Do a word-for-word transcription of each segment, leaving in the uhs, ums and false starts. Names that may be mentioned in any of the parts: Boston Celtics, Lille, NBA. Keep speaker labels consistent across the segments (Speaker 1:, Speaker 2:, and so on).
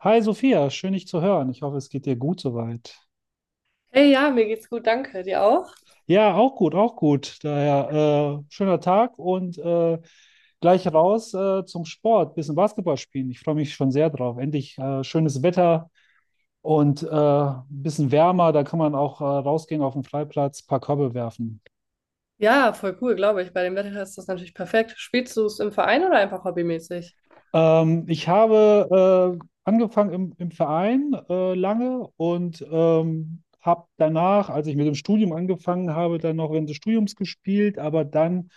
Speaker 1: Hi Sophia, schön dich zu hören. Ich hoffe, es geht dir gut soweit.
Speaker 2: Hey, ja, mir geht's gut, danke. Dir auch?
Speaker 1: Ja, auch gut, auch gut. Daher äh, schöner Tag und äh, gleich raus äh, zum Sport, bisschen Basketball spielen. Ich freue mich schon sehr drauf. Endlich äh, schönes Wetter und äh, ein bisschen wärmer. Da kann man auch äh, rausgehen auf den Freiplatz, paar Körbe werfen.
Speaker 2: Ja, voll cool, glaube ich. Bei dem Wetter ist das natürlich perfekt. Spielst du es im Verein oder einfach hobbymäßig?
Speaker 1: Ähm, ich habe äh, angefangen im, im Verein äh, lange und ähm, habe danach, als ich mit dem Studium angefangen habe, dann noch während des Studiums gespielt, aber dann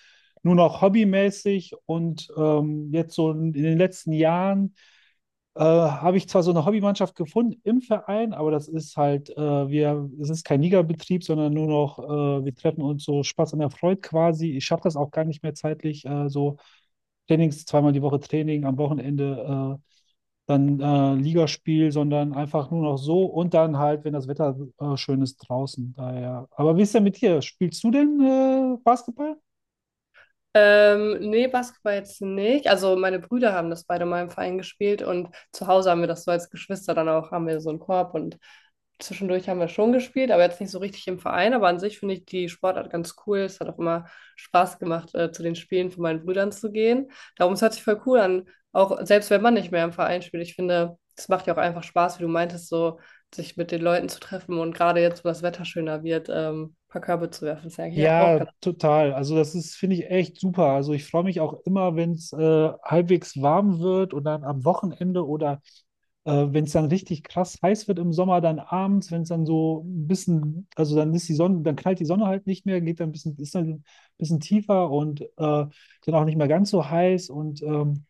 Speaker 1: nur noch hobbymäßig und ähm, jetzt so in in den letzten Jahren äh, habe ich zwar so eine Hobbymannschaft gefunden im Verein, aber das ist halt, äh, wir, es ist kein Ligabetrieb, sondern nur noch, äh, wir treffen uns so Spaß an der Freude quasi. Ich schaffe das auch gar nicht mehr zeitlich, äh, so Trainings, zweimal die Woche Training, am Wochenende äh, dann äh, Ligaspiel, sondern einfach nur noch so und dann halt, wenn das Wetter äh, schön ist draußen. Daher. Aber wie ist denn mit dir? Spielst du denn äh, Basketball?
Speaker 2: Ähm, nee, Basketball jetzt nicht. Also meine Brüder haben das beide mal im Verein gespielt und zu Hause haben wir das so als Geschwister dann auch, haben wir so einen Korb und zwischendurch haben wir schon gespielt, aber jetzt nicht so richtig im Verein. Aber an sich finde ich die Sportart ganz cool. Es hat auch immer Spaß gemacht, äh, zu den Spielen von meinen Brüdern zu gehen. Darum, es hört sich voll cool an, auch selbst wenn man nicht mehr im Verein spielt. Ich finde, es macht ja auch einfach Spaß, wie du meintest, so sich mit den Leuten zu treffen und gerade jetzt, wo das Wetter schöner wird, ähm, ein paar Körbe zu werfen. Das ist ja eigentlich auch
Speaker 1: Ja,
Speaker 2: ganz.
Speaker 1: total. Also das ist, finde ich, echt super. Also ich freue mich auch immer, wenn es äh, halbwegs warm wird und dann am Wochenende oder äh, wenn es dann richtig krass heiß wird im Sommer, dann abends, wenn es dann so ein bisschen, also dann ist die Sonne, dann knallt die Sonne halt nicht mehr, geht dann ein bisschen, ist dann ein bisschen tiefer und äh, dann auch nicht mehr ganz so heiß. Und ähm,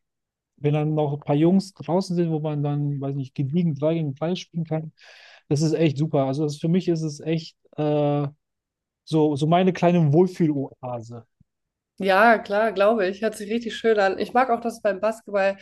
Speaker 1: wenn dann noch ein paar Jungs draußen sind, wo man dann, weiß nicht, gediegen drei gegen drei spielen kann, das ist echt super. Also das, für mich ist es echt. Äh, so, so meine kleine Wohlfühloase.
Speaker 2: Ja, klar, glaube ich. Hört sich richtig schön an. Ich mag auch, dass beim Basketball,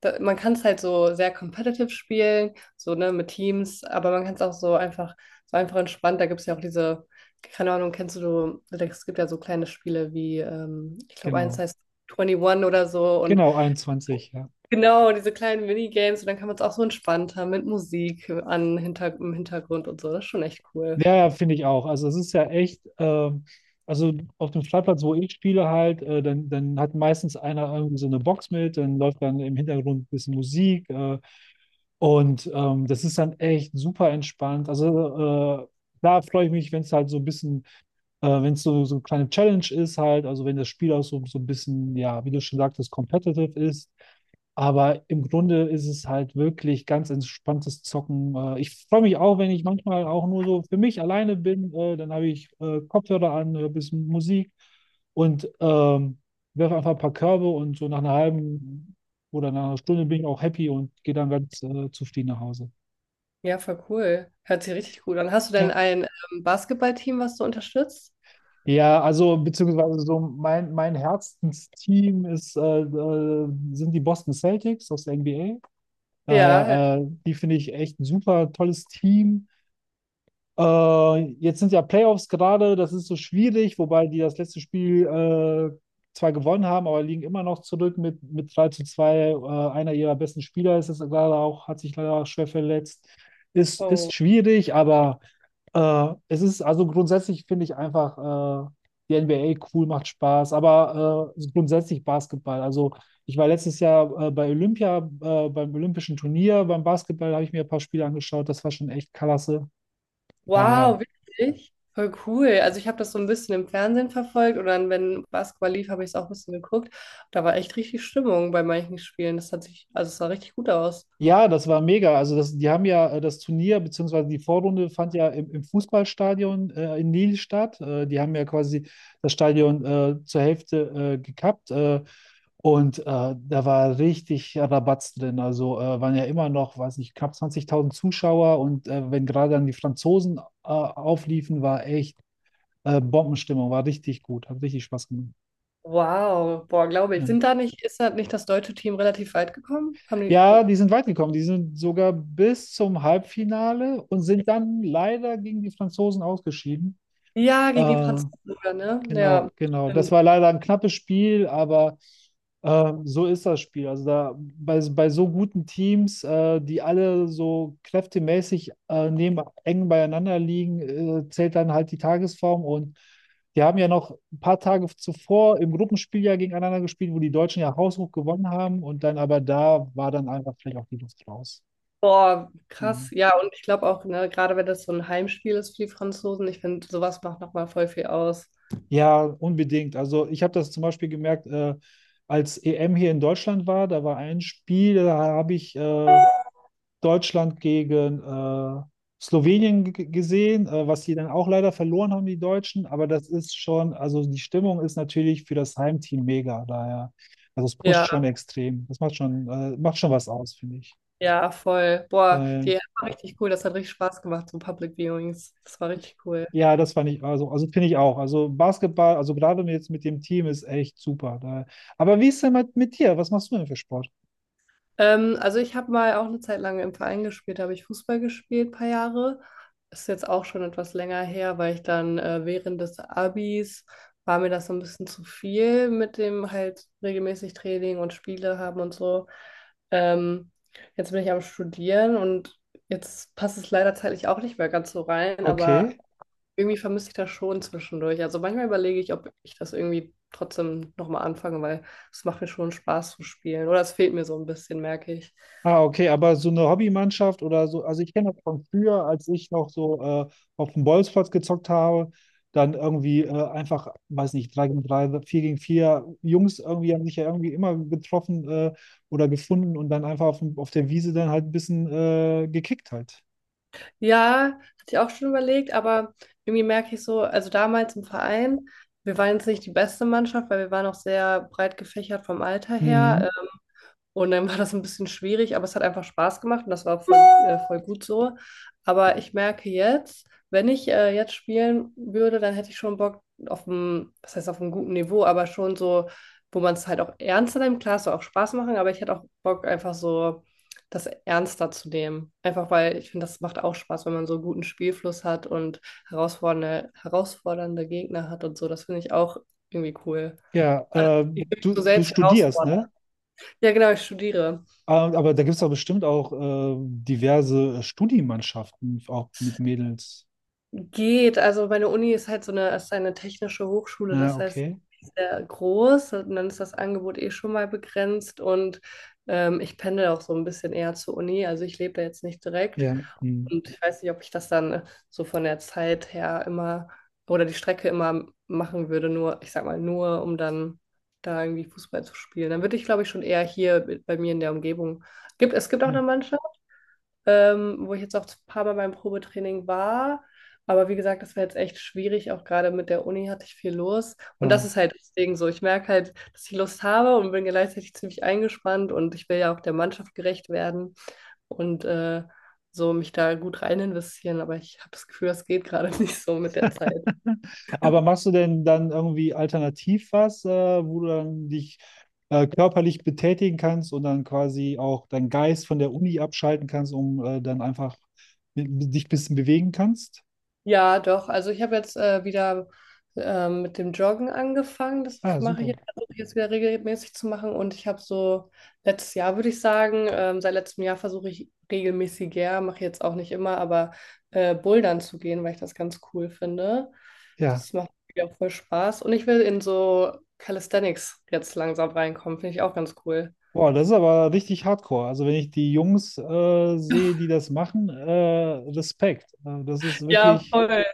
Speaker 2: da, man kann es halt so sehr competitive spielen, so ne, mit Teams, aber man kann es auch so einfach, so einfach entspannt. Da gibt es ja auch diese, keine Ahnung, kennst du, es gibt ja so kleine Spiele wie, ähm, ich glaube, eins
Speaker 1: Genau.
Speaker 2: heißt einundzwanzig oder so und
Speaker 1: Genau, einundzwanzig, ja.
Speaker 2: genau, diese kleinen Minigames und dann kann man es auch so entspannt haben mit Musik an, hinter, im Hintergrund und so. Das ist schon echt cool.
Speaker 1: Ja, ja, finde ich auch. Also es ist ja echt, ähm, also auf dem Freiplatz, wo ich spiele halt, äh, dann, dann hat meistens einer irgendwie so eine Box mit, dann läuft dann im Hintergrund ein bisschen Musik äh, und ähm, das ist dann echt super entspannt. Also äh, da freue ich mich, wenn es halt so ein bisschen, äh, wenn es so, so eine kleine Challenge ist halt, also wenn das Spiel auch so, so ein bisschen, ja, wie du schon sagtest, competitive ist. Aber im Grunde ist es halt wirklich ganz entspanntes Zocken. Äh, Ich freue mich auch, wenn ich manchmal auch nur so für mich alleine bin. äh, Dann habe ich äh, Kopfhörer an, höre ein bisschen Musik und ähm, werfe einfach ein paar Körbe und so nach einer halben oder nach einer Stunde bin ich auch happy und gehe dann ganz äh, zufrieden nach Hause.
Speaker 2: Ja, voll cool. Hört sich richtig gut an. Hast du denn
Speaker 1: Ja.
Speaker 2: ein ähm, Basketballteam, was du unterstützt?
Speaker 1: Ja, also beziehungsweise so mein, mein Herzensteam ist, äh, äh, sind die Boston Celtics aus der N B A.
Speaker 2: Ja.
Speaker 1: Daher, äh, die finde ich echt ein super tolles Team. Äh, jetzt sind ja Playoffs gerade, das ist so schwierig, wobei die das letzte Spiel äh, zwar gewonnen haben, aber liegen immer noch zurück mit, mit drei zu zwei. Äh, einer ihrer besten Spieler ist es gerade auch, hat sich leider schwer verletzt. Ist,
Speaker 2: Oh,
Speaker 1: ist schwierig, aber äh, es ist, also grundsätzlich finde ich einfach äh, die N B A cool, macht Spaß, aber äh, grundsätzlich Basketball. Also ich war letztes Jahr äh, bei Olympia, äh, beim Olympischen Turnier, beim Basketball habe ich mir ein paar Spiele angeschaut, das war schon echt klasse. Daher.
Speaker 2: wow, wirklich? Voll cool. Also ich habe das so ein bisschen im Fernsehen verfolgt und dann, wenn Basketball lief, habe ich es auch ein bisschen geguckt. Da war echt richtig Stimmung bei manchen Spielen. Das hat sich, also es sah richtig gut aus.
Speaker 1: Ja, das war mega. Also das, die haben ja äh, das Turnier, beziehungsweise die Vorrunde fand ja im, im Fußballstadion äh, in Lille statt. Äh, die haben ja quasi das Stadion äh, zur Hälfte äh, gekappt. Äh, und äh, da war richtig Rabatz drin. Also äh, waren ja immer noch, weiß nicht, knapp zwanzigtausend Zuschauer. Und äh, wenn gerade dann die Franzosen äh, aufliefen, war echt äh, Bombenstimmung, war richtig gut, hat richtig Spaß gemacht.
Speaker 2: Wow, boah, glaube ich.
Speaker 1: Ja.
Speaker 2: Sind da nicht, ist da nicht das deutsche Team relativ weit gekommen? Haben die,
Speaker 1: Ja, die sind weit gekommen. Die sind sogar bis zum Halbfinale und sind dann leider gegen die Franzosen ausgeschieden.
Speaker 2: ja, gegen die
Speaker 1: Äh,
Speaker 2: Franzosen sogar, ne? Ja,
Speaker 1: Genau, genau. Das
Speaker 2: stimmt.
Speaker 1: war leider ein knappes Spiel, aber ähm, so ist das Spiel. Also da bei, bei so guten Teams, äh, die alle so kräftemäßig äh, neben, eng beieinander liegen, äh, zählt dann halt die Tagesform. Und die haben ja noch ein paar Tage zuvor im Gruppenspiel ja gegeneinander gespielt, wo die Deutschen ja haushoch gewonnen haben. Und dann aber da war dann einfach vielleicht auch die Luft raus.
Speaker 2: Boah,
Speaker 1: Ja.
Speaker 2: krass. Ja, und ich glaube auch, ne, gerade wenn das so ein Heimspiel ist für die Franzosen, ich finde, sowas macht nochmal voll viel aus.
Speaker 1: Ja, unbedingt. Also ich habe das zum Beispiel gemerkt, äh, als E M hier in Deutschland war, da war ein Spiel, da habe ich äh, Deutschland gegen äh, Slowenien g- gesehen, äh, was sie dann auch leider verloren haben, die Deutschen. Aber das ist schon, also die Stimmung ist natürlich für das Heimteam mega. Daher, also es pusht
Speaker 2: Ja.
Speaker 1: schon extrem. Das macht schon, äh, macht schon was aus, finde ich.
Speaker 2: Ja, voll. Boah,
Speaker 1: Daher.
Speaker 2: die App war richtig cool. Das hat richtig Spaß gemacht, so Public Viewings. Das war richtig cool.
Speaker 1: Ja, das fand ich, also, also finde ich auch. Also Basketball, also gerade jetzt mit dem Team ist echt super. Da. Aber wie ist denn mit, mit dir? Was machst du denn für Sport?
Speaker 2: Ähm, also ich habe mal auch eine Zeit lang im Verein gespielt, da habe ich Fußball gespielt, ein paar Jahre. Ist jetzt auch schon etwas länger her, weil ich dann äh, während des Abis war mir das so ein bisschen zu viel mit dem halt regelmäßig Training und Spiele haben und so. Ähm, jetzt bin ich am Studieren und jetzt passt es leider zeitlich auch nicht mehr ganz so rein, aber
Speaker 1: Okay.
Speaker 2: irgendwie vermisse ich das schon zwischendurch. Also manchmal überlege ich, ob ich das irgendwie trotzdem nochmal anfange, weil es macht mir schon Spaß zu spielen. Oder es fehlt mir so ein bisschen, merke ich.
Speaker 1: Ah, okay, aber so eine Hobbymannschaft oder so, also ich kenne das von früher, als ich noch so äh, auf dem Bolzplatz gezockt habe, dann irgendwie äh, einfach, weiß nicht, drei gegen drei, vier gegen vier Jungs irgendwie haben sich ja irgendwie immer getroffen äh, oder gefunden und dann einfach auf, dem- auf der Wiese dann halt ein bisschen äh, gekickt halt.
Speaker 2: Ja, hatte ich auch schon überlegt, aber irgendwie merke ich so, also damals im Verein, wir waren jetzt nicht die beste Mannschaft, weil wir waren auch sehr breit gefächert vom Alter her.
Speaker 1: Mhm.
Speaker 2: Und dann war das ein bisschen schwierig, aber es hat einfach Spaß gemacht und das war voll, äh, voll gut so. Aber ich merke jetzt, wenn ich äh, jetzt spielen würde, dann hätte ich schon Bock auf einem, was heißt auf einem guten Niveau, aber schon so, wo man es halt auch ernster nimmt. Klar, es soll auch Spaß machen, aber ich hätte auch Bock, einfach so das ernster zu nehmen. Einfach weil ich finde, das macht auch Spaß, wenn man so einen guten Spielfluss hat und herausfordernde, herausfordernde Gegner hat und so. Das finde ich auch irgendwie cool.
Speaker 1: Ja,
Speaker 2: Ich
Speaker 1: ähm,
Speaker 2: will mich so
Speaker 1: du, du
Speaker 2: selbst
Speaker 1: studierst,
Speaker 2: herausfordern.
Speaker 1: ne?
Speaker 2: Ja, genau, ich studiere.
Speaker 1: Ähm, aber da gibt es doch bestimmt auch äh, diverse Studienmannschaften, auch mit Mädels.
Speaker 2: Geht, also meine Uni ist halt so eine, ist eine technische Hochschule,
Speaker 1: Ah,
Speaker 2: das heißt
Speaker 1: okay.
Speaker 2: sehr groß und dann ist das Angebot eh schon mal begrenzt und ähm, ich pendel auch so ein bisschen eher zur Uni, also ich lebe da jetzt nicht direkt
Speaker 1: Ja. Hm.
Speaker 2: und ich weiß nicht, ob ich das dann so von der Zeit her immer oder die Strecke immer machen würde, nur, ich sag mal, nur um dann da irgendwie Fußball zu spielen. Dann würde ich, glaube ich, schon eher hier bei mir in der Umgebung. Gibt, es gibt auch
Speaker 1: Ja.
Speaker 2: eine Mannschaft ähm, wo ich jetzt auch ein paar Mal beim Probetraining war. Aber wie gesagt, das war jetzt echt schwierig, auch gerade mit der Uni hatte ich viel los. Und das
Speaker 1: Ja.
Speaker 2: ist halt deswegen so. Ich merke halt, dass ich Lust habe und bin gleichzeitig ziemlich eingespannt und ich will ja auch der Mannschaft gerecht werden und äh, so mich da gut rein investieren. Aber ich habe das Gefühl, das geht gerade nicht so mit der Zeit.
Speaker 1: Aber machst du denn dann irgendwie alternativ was, äh, wo du dann dich äh, körperlich betätigen kannst und dann quasi auch deinen Geist von der Uni abschalten kannst, um äh, dann einfach mit- dich ein bisschen bewegen kannst?
Speaker 2: Ja, doch. Also ich habe jetzt äh, wieder ähm, mit dem Joggen angefangen. Das
Speaker 1: Ah,
Speaker 2: mache ich
Speaker 1: super.
Speaker 2: jetzt, versuche ich jetzt wieder regelmäßig zu machen. Und ich habe so letztes Jahr, würde ich sagen, ähm, seit letztem Jahr versuche ich regelmäßiger, mache ich jetzt auch nicht immer, aber äh, Bouldern zu gehen, weil ich das ganz cool finde.
Speaker 1: Ja.
Speaker 2: Das macht mir auch voll Spaß. Und ich will in so Calisthenics jetzt langsam reinkommen. Finde ich auch ganz cool.
Speaker 1: Boah, das ist aber richtig hardcore. Also wenn ich die Jungs äh, sehe, die das machen, äh, Respekt. Äh, das ist
Speaker 2: Ja,
Speaker 1: wirklich,
Speaker 2: voll.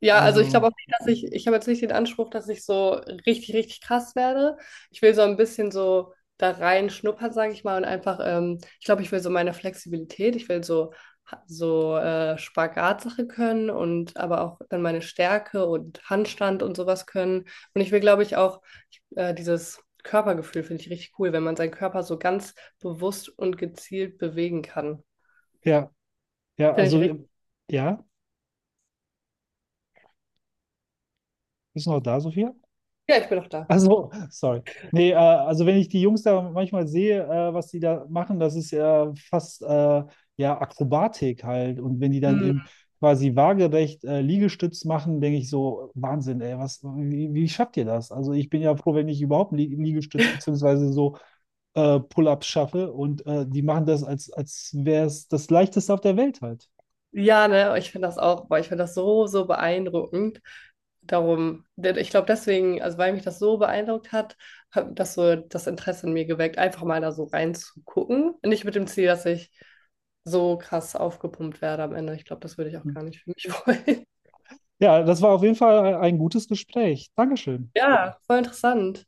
Speaker 2: Ja, also ich
Speaker 1: also,
Speaker 2: glaube auch nicht, dass ich, ich habe jetzt nicht den Anspruch, dass ich so richtig, richtig krass werde. Ich will so ein bisschen so da rein schnuppern, sage ich mal, und einfach, ähm, ich glaube, ich will so meine Flexibilität, ich will so, so äh, Spagatsache können und aber auch dann meine Stärke und Handstand und sowas können. Und ich will, glaube ich, auch äh, dieses Körpergefühl finde ich richtig cool, wenn man seinen Körper so ganz bewusst und gezielt bewegen kann.
Speaker 1: ja, ja,
Speaker 2: Finde ich
Speaker 1: also, äh,
Speaker 2: richtig.
Speaker 1: ja, bist du noch da, Sophia?
Speaker 2: Ja, ich bin auch da.
Speaker 1: Also, sorry. Nee, äh, also wenn ich die Jungs da manchmal sehe, äh, was die da machen, das ist ja fast, äh, ja, Akrobatik halt. Und wenn die dann im quasi waagerecht äh, Liegestütz machen, denke ich so, Wahnsinn, ey, was, wie, wie schafft ihr das? Also ich bin ja froh, wenn ich überhaupt einen Lie- Liegestütz beziehungsweise so äh, Pull-ups schaffe und äh, die machen das, als, als wäre es das Leichteste auf der Welt halt.
Speaker 2: Ja, ne, ich finde das auch, boah, ich finde das so, so beeindruckend. Darum, denn ich glaube deswegen, also weil mich das so beeindruckt hat, hat das so das Interesse in mir geweckt, einfach mal da so reinzugucken. Nicht mit dem Ziel, dass ich so krass aufgepumpt werde am Ende. Ich glaube, das würde ich auch
Speaker 1: Hm.
Speaker 2: gar nicht für mich wollen.
Speaker 1: Ja, das war auf jeden Fall ein gutes Gespräch. Dankeschön.
Speaker 2: Ja, voll interessant.